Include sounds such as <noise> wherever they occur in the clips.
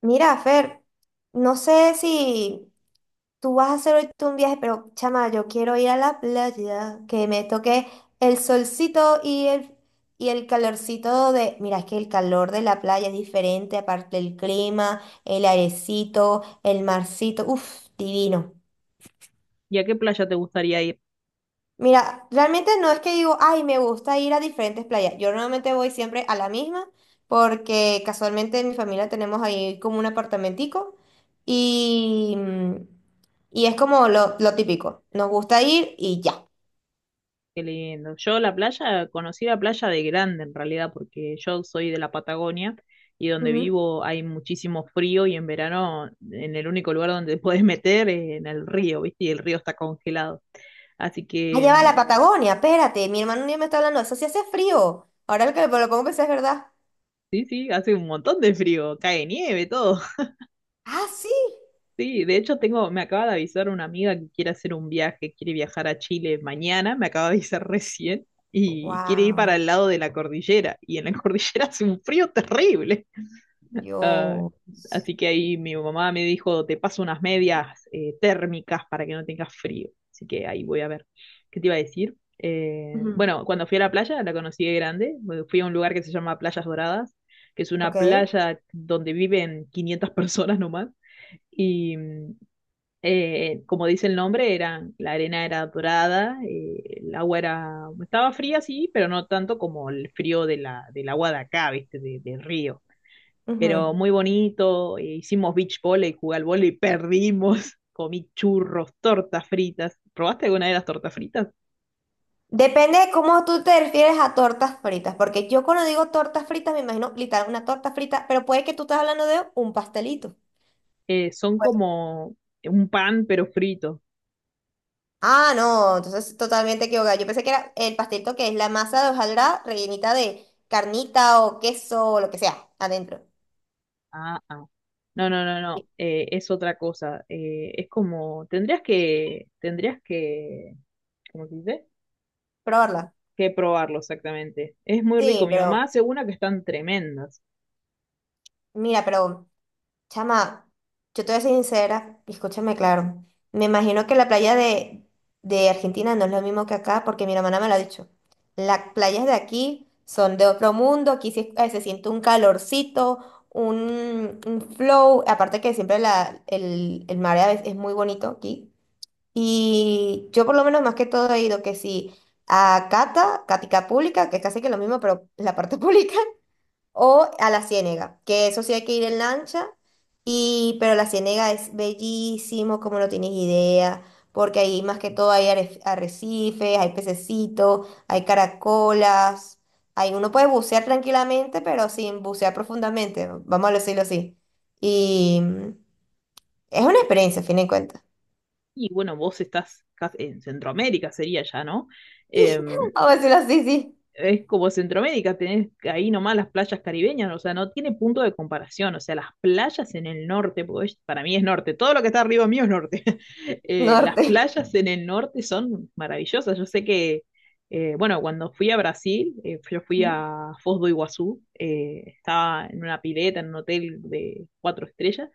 Mira, Fer, no sé si tú vas a hacer ahorita un viaje, pero chama, yo quiero ir a la playa, que me toque el solcito y el calorcito de. Mira, es que el calor de la playa es diferente, aparte el clima, el airecito, el marcito, uff, divino. ¿Y a qué playa te gustaría ir? Mira, realmente no es que digo, ay, me gusta ir a diferentes playas. Yo normalmente voy siempre a la misma porque casualmente en mi familia tenemos ahí como un apartamentico y, mm, y es como lo típico. Nos gusta ir y ya. Qué lindo. Yo la playa, conocí la playa de grande en realidad, porque yo soy de la Patagonia y donde Ujú. vivo hay muchísimo frío y en verano en el único lugar donde te puedes meter es en el río, ¿viste? Y el río está congelado. Así que Allá va la Patagonia, espérate, mi hermano un día me está hablando, eso sí hace frío. Ahora lo que lo pongo a es verdad. sí, sí, hace un montón de frío, cae nieve, todo. Ah, sí. Sí, de hecho tengo, me acaba de avisar una amiga que quiere hacer un viaje, quiere viajar a Chile mañana, me acaba de avisar recién, y quiere ir para Wow. el lado de la cordillera, y en la <laughs> cordillera hace un frío terrible. Ah, Dios. así que ahí mi mamá me dijo, te paso unas medias térmicas para que no tengas frío. Así que ahí voy a ver. ¿Qué te iba a decir? Eh, Ujú. bueno, cuando fui a la playa, la conocí de grande, bueno, fui a un lugar que se llama Playas Doradas, que es Ok. una playa donde viven 500 <laughs> personas nomás. Y como dice el nombre, era, la arena era dorada, el agua era, estaba fría, sí, pero no tanto como el frío de del agua de acá, ¿viste? Del río. Ujú. Pero muy bonito, hicimos beach volley, jugué al volley, perdimos, <laughs> comí churros, tortas fritas. ¿Probaste alguna de las tortas fritas? Depende de cómo tú te refieres a tortas fritas, porque yo cuando digo tortas fritas me imagino literal una torta frita, pero puede que tú estés hablando de un pastelito. Son Pues, como un pan, pero frito. ah, no, entonces totalmente equivocada. Yo pensé que era el pastelito que es la masa de hojaldrada rellenita de carnita o queso o lo que sea adentro. Ah, ah. No, no, no, no, Sí. Es otra cosa. Es como, tendrías que, ¿cómo se dice? Probarla. Que probarlo exactamente. Es muy rico. Sí, Mi mamá pero hace una que están tremendas. mira, pero chama, yo te voy a ser sincera, y escúchame claro. Me imagino que la playa de Argentina no es lo mismo que acá, porque mi hermana me lo ha dicho. Las playas de aquí son de otro mundo, aquí sí, se siente un calorcito, un flow, aparte que siempre el mar a veces es muy bonito aquí. Y yo por lo menos más que todo he ido que sí a Cata, Cática Pública, que es casi que lo mismo, pero la parte <laughs> pública. O a la Ciénega, que eso sí hay que ir en lancha, y, pero la Ciénega es bellísimo, como no tienes idea, porque ahí más que todo hay arrecifes, hay pececitos, hay caracolas, ahí uno puede bucear tranquilamente, pero sin bucear profundamente, vamos a decirlo así. Y es una experiencia, a fin de cuentas. Y bueno, vos estás en Centroamérica, sería ya, ¿no? Eh, <laughs> Vamos a decirlo así, sí, es como Centroamérica, tenés ahí nomás las playas caribeñas, o sea, no tiene punto de comparación. O sea, las playas en el norte, porque para mí es norte, todo lo que está arriba mío es norte. <laughs> Las norte. playas en el norte son maravillosas. Yo sé que, bueno, cuando fui a Brasil, yo fui Ujú. a Foz do Iguazú, estaba en una pileta, en un hotel de cuatro estrellas.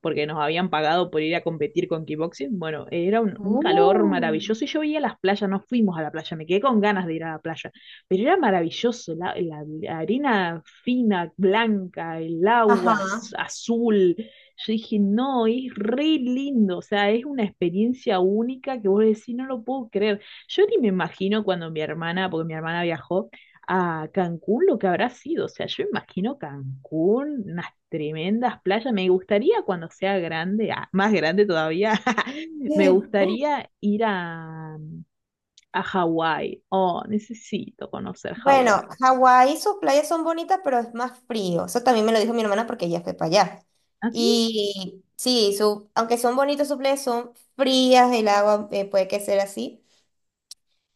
Porque nos habían pagado por ir a competir con kickboxing. Bueno, era un calor Uh. maravilloso y yo veía las playas, no fuimos a la playa, me quedé con ganas de ir a la playa, pero era maravilloso, la arena fina, blanca, el agua Ajá. azul. Yo dije, no, es re lindo, o sea, es una experiencia única que vos decís, no lo puedo creer. Yo ni me imagino cuando mi hermana, porque mi hermana viajó, a Cancún lo que habrá sido. O sea, yo imagino Cancún, unas tremendas playas. Me gustaría cuando sea grande, más grande todavía, <laughs> me <laughs> gustaría ir a, Hawái. Oh, necesito conocer Hawái. Bueno, Hawái, sus playas son bonitas, pero es más frío. Eso también me lo dijo mi hermana porque ella fue para allá. ¿Así? Y sí, aunque son bonitas sus playas, son frías, el agua puede que sea así.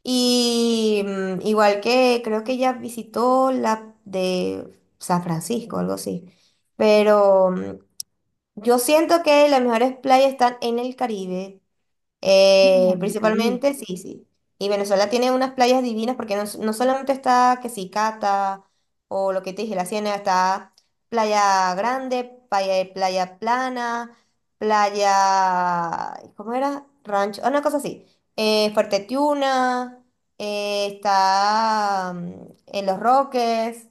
Y igual que creo que ella visitó la de San Francisco, algo así. Pero yo siento que las mejores playas están en el Caribe. No, no, en el Caribe. Principalmente, sí, sí. Y Venezuela tiene unas playas divinas porque no solamente está que si Cata o lo que te dije, la Ciénaga, está Playa Grande, Playa Plana, Playa, ¿cómo era? Rancho, una cosa así. Fuerte Tiuna, está en Los Roques.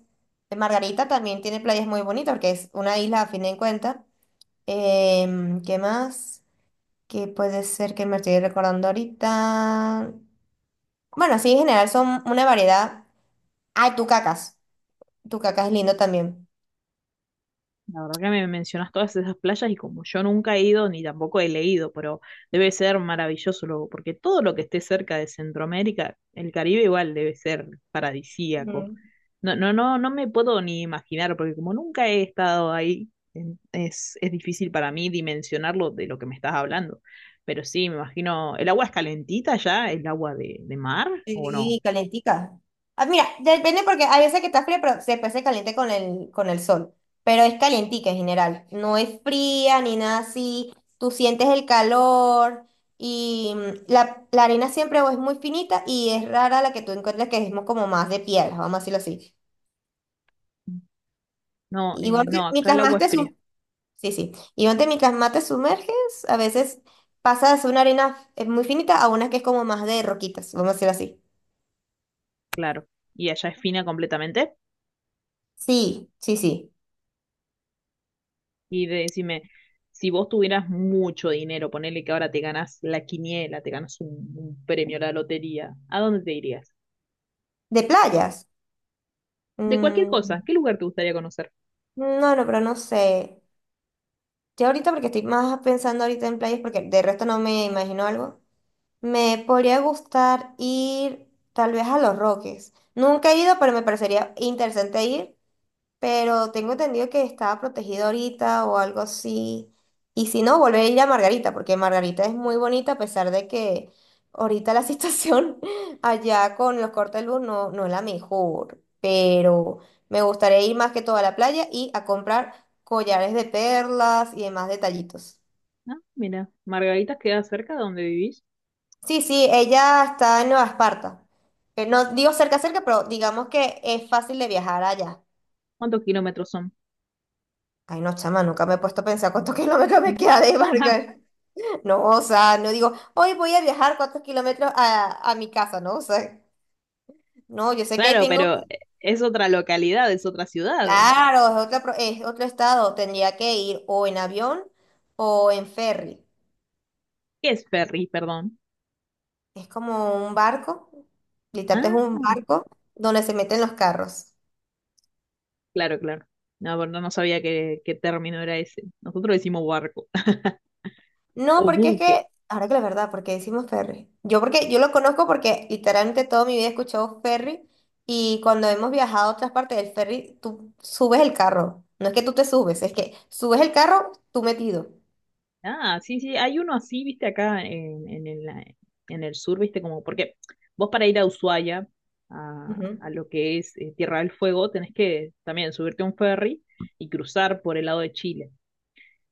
Margarita también tiene playas muy bonitas porque es una isla a fin de cuentas. ¿Qué más? Que puede ser que me estoy recordando ahorita. Bueno, así en general son una variedad. Ay, tucacas. Tucacas es lindo también. La verdad que me mencionas todas esas playas y como yo nunca he ido ni tampoco he leído, pero debe ser maravilloso luego, porque todo lo que esté cerca de Centroamérica, el Caribe igual debe ser paradisíaco. Ujú. No, no, no, no me puedo ni imaginar, porque como nunca he estado ahí, es difícil para mí dimensionarlo de lo que me estás hablando. Pero sí, me imagino, ¿el agua es calentita ya? ¿El agua de, mar o Sí, no? calentica. Ah, mira, depende porque hay veces que está fría, pero después se caliente con el sol. Pero es calientica en general. No es fría ni nada así. Tú sientes el calor y la arena siempre o es muy finita y es rara la que tú encuentres que es como más de piedra, vamos a decirlo así. No, Igual, que no, acá mientras el agua más es te, fría, sí, sí. Y donde mientras más te sumerges, a veces pasas de ser una arena muy finita a una que es como más de roquitas, vamos a decir así. claro. ¿Y allá es fina completamente? Sí, sí, sí. Y decime, si vos tuvieras mucho dinero, ponele que ahora te ganas la quiniela, te ganas un premio, la lotería, ¿a dónde te irías? ¿De playas? De cualquier cosa, Mm, ¿qué lugar te gustaría conocer? no, no, pero no sé. Yo ahorita, porque estoy más pensando ahorita en playas, porque de resto no me imagino algo. Me podría gustar ir tal vez a Los Roques. Nunca he ido, pero me parecería interesante ir. Pero tengo entendido que estaba protegido ahorita o algo así. Y si no, volver a ir a Margarita, porque Margarita es muy bonita a pesar de que ahorita la <laughs> situación allá con los cortes de luz no es la mejor. Pero me gustaría ir más que todo a la playa y a comprar collares de perlas y demás detallitos. Ah, mira, Margaritas queda cerca de donde vivís. Sí, sí, ella está en Nueva Esparta. No digo cerca, cerca, pero digamos que es fácil de viajar allá. ¿Cuántos kilómetros son? Ay, no, chama, nunca me he puesto a pensar cuántos <laughs> kilómetros me queda de <laughs> Vargas. No, o sea, no digo, hoy voy a viajar 4 km a mi casa, ¿no? O sea, no, yo sé que ahí Claro, tengo, pero es otra localidad, es otra ciudad. claro, es otro estado, tendría que ir o en avión o en ferry. ¿Qué es Ferry, perdón? Es como un barco, literalmente es Ah, un barco donde se meten los carros. claro, claro. No, pero no no sabía qué término era ese. Nosotros decimos barco <laughs> No, o porque es buque. que, ahora que la verdad, porque decimos Ferry. Yo porque yo lo conozco porque literalmente toda mi vida he escuchado Ferry y cuando hemos viajado a otras partes del ferry, tú subes el carro. No es que tú te subes, es que subes el carro tú metido. Ah, sí, sí, hay uno así, viste, acá en, en el sur, viste, como, porque vos para ir a Ushuaia, a, Ujú, lo que es Tierra del Fuego, tenés que también subirte a un ferry y cruzar por el lado de Chile.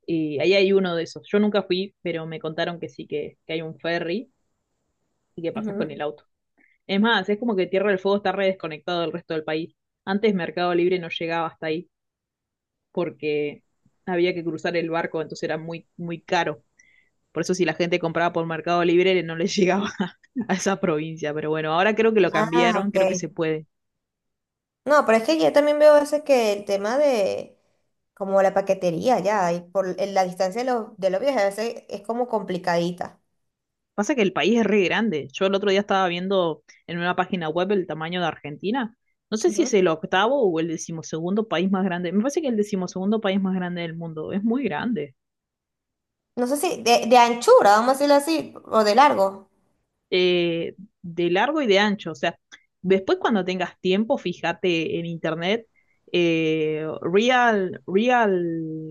Y ahí hay uno de esos. Yo nunca fui, pero me contaron que sí, que hay un ferry y que pasas con ujú. el auto. Es más, es como que Tierra del Fuego está re desconectado del resto del país. Antes Mercado Libre no llegaba hasta ahí porque había que cruzar el barco, entonces era muy, muy caro. Por eso si la gente compraba por Mercado Libre no les llegaba <laughs> a esa provincia. Pero bueno, ahora creo que lo Ah, cambiaron, ok. creo que se puede. No, pero es que yo también veo a veces que el tema de como la paquetería ya, y por en la distancia de los, viajes a veces es como complicadita. Pasa que el país es re grande. Yo el otro día estaba viendo en una página web el tamaño de Argentina. No sé si es Ujú. el octavo o el decimosegundo país más grande. Me parece que es el decimosegundo país más grande del mundo. Es muy grande. No sé si de anchura, vamos a decirlo así, o de largo. eh, de largo y de ancho. O sea, después cuando tengas tiempo, fíjate en internet, real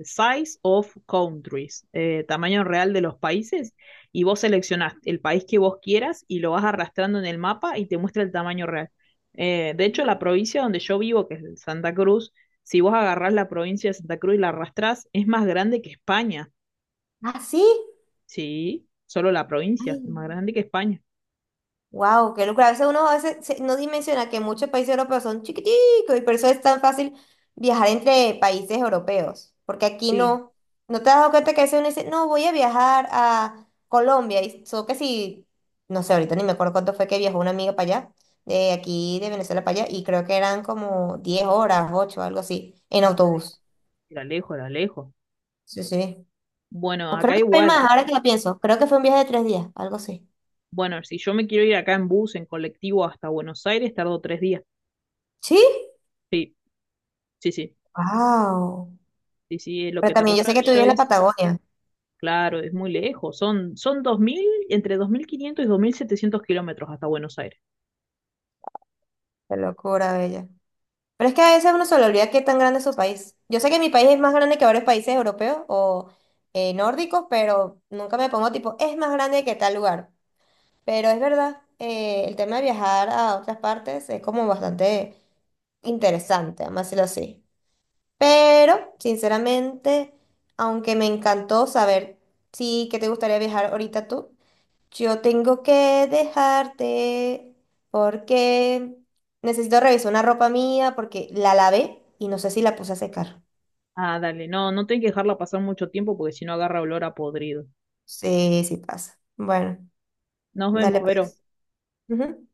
size of countries, tamaño real de los países, y vos seleccionás el país que vos quieras y lo vas arrastrando en el mapa y te muestra el tamaño real. De hecho, la provincia donde yo vivo, que es Santa Cruz, si vos agarrás la provincia de Santa Cruz y la arrastrás, es más grande que España. Ah, sí. Sí, solo la provincia, Ay, es más grande que España. wow, qué locura. A veces uno a veces no dimensiona que muchos países europeos son chiquiticos y por eso es tan fácil viajar entre países europeos. Porque aquí Sí. no, no te has dado cuenta que a veces uno dice, no, voy a viajar a Colombia. Y solo que si, no sé, ahorita ni me acuerdo cuánto fue que viajó una amiga para allá, de aquí de Venezuela para allá, y creo que eran como 10 horas, 8, algo así, en autobús. Era lejos, era lejos. Sí, sí. Bueno, O creo acá que fue igual. más, ahora que lo pienso. Creo que fue un viaje de 3 días, algo así. Bueno, si yo me quiero ir acá en bus, en colectivo hasta Buenos Aires, tardo 3 días. ¿Sí? Sí, sí, sí. Wow. Sí, sí, es lo Pero que tardo también yo yo, sé que tú vives yo en la hice- Patagonia. Claro, es muy lejos. Son 2.000 entre 2.500 y 2.700 kilómetros hasta Buenos Aires. Qué locura, bella. Pero es que a veces uno se le olvida qué tan grande es su país. Yo sé que mi país es más grande que varios países europeos o nórdicos, pero nunca me pongo tipo, es más grande que tal lugar. Pero es verdad, el tema de viajar a otras partes es como bastante interesante, vamos a decirlo así. Pero, sinceramente, aunque me encantó saber, sí, que te gustaría viajar ahorita tú. Yo tengo que dejarte porque necesito revisar una ropa mía porque la lavé y no sé si la puse a secar. Ah, dale, no, no tengo que dejarla pasar mucho tiempo porque si no agarra olor a podrido. Sí, sí pasa. Bueno, Nos dale vemos, Vero. pues. Ujú.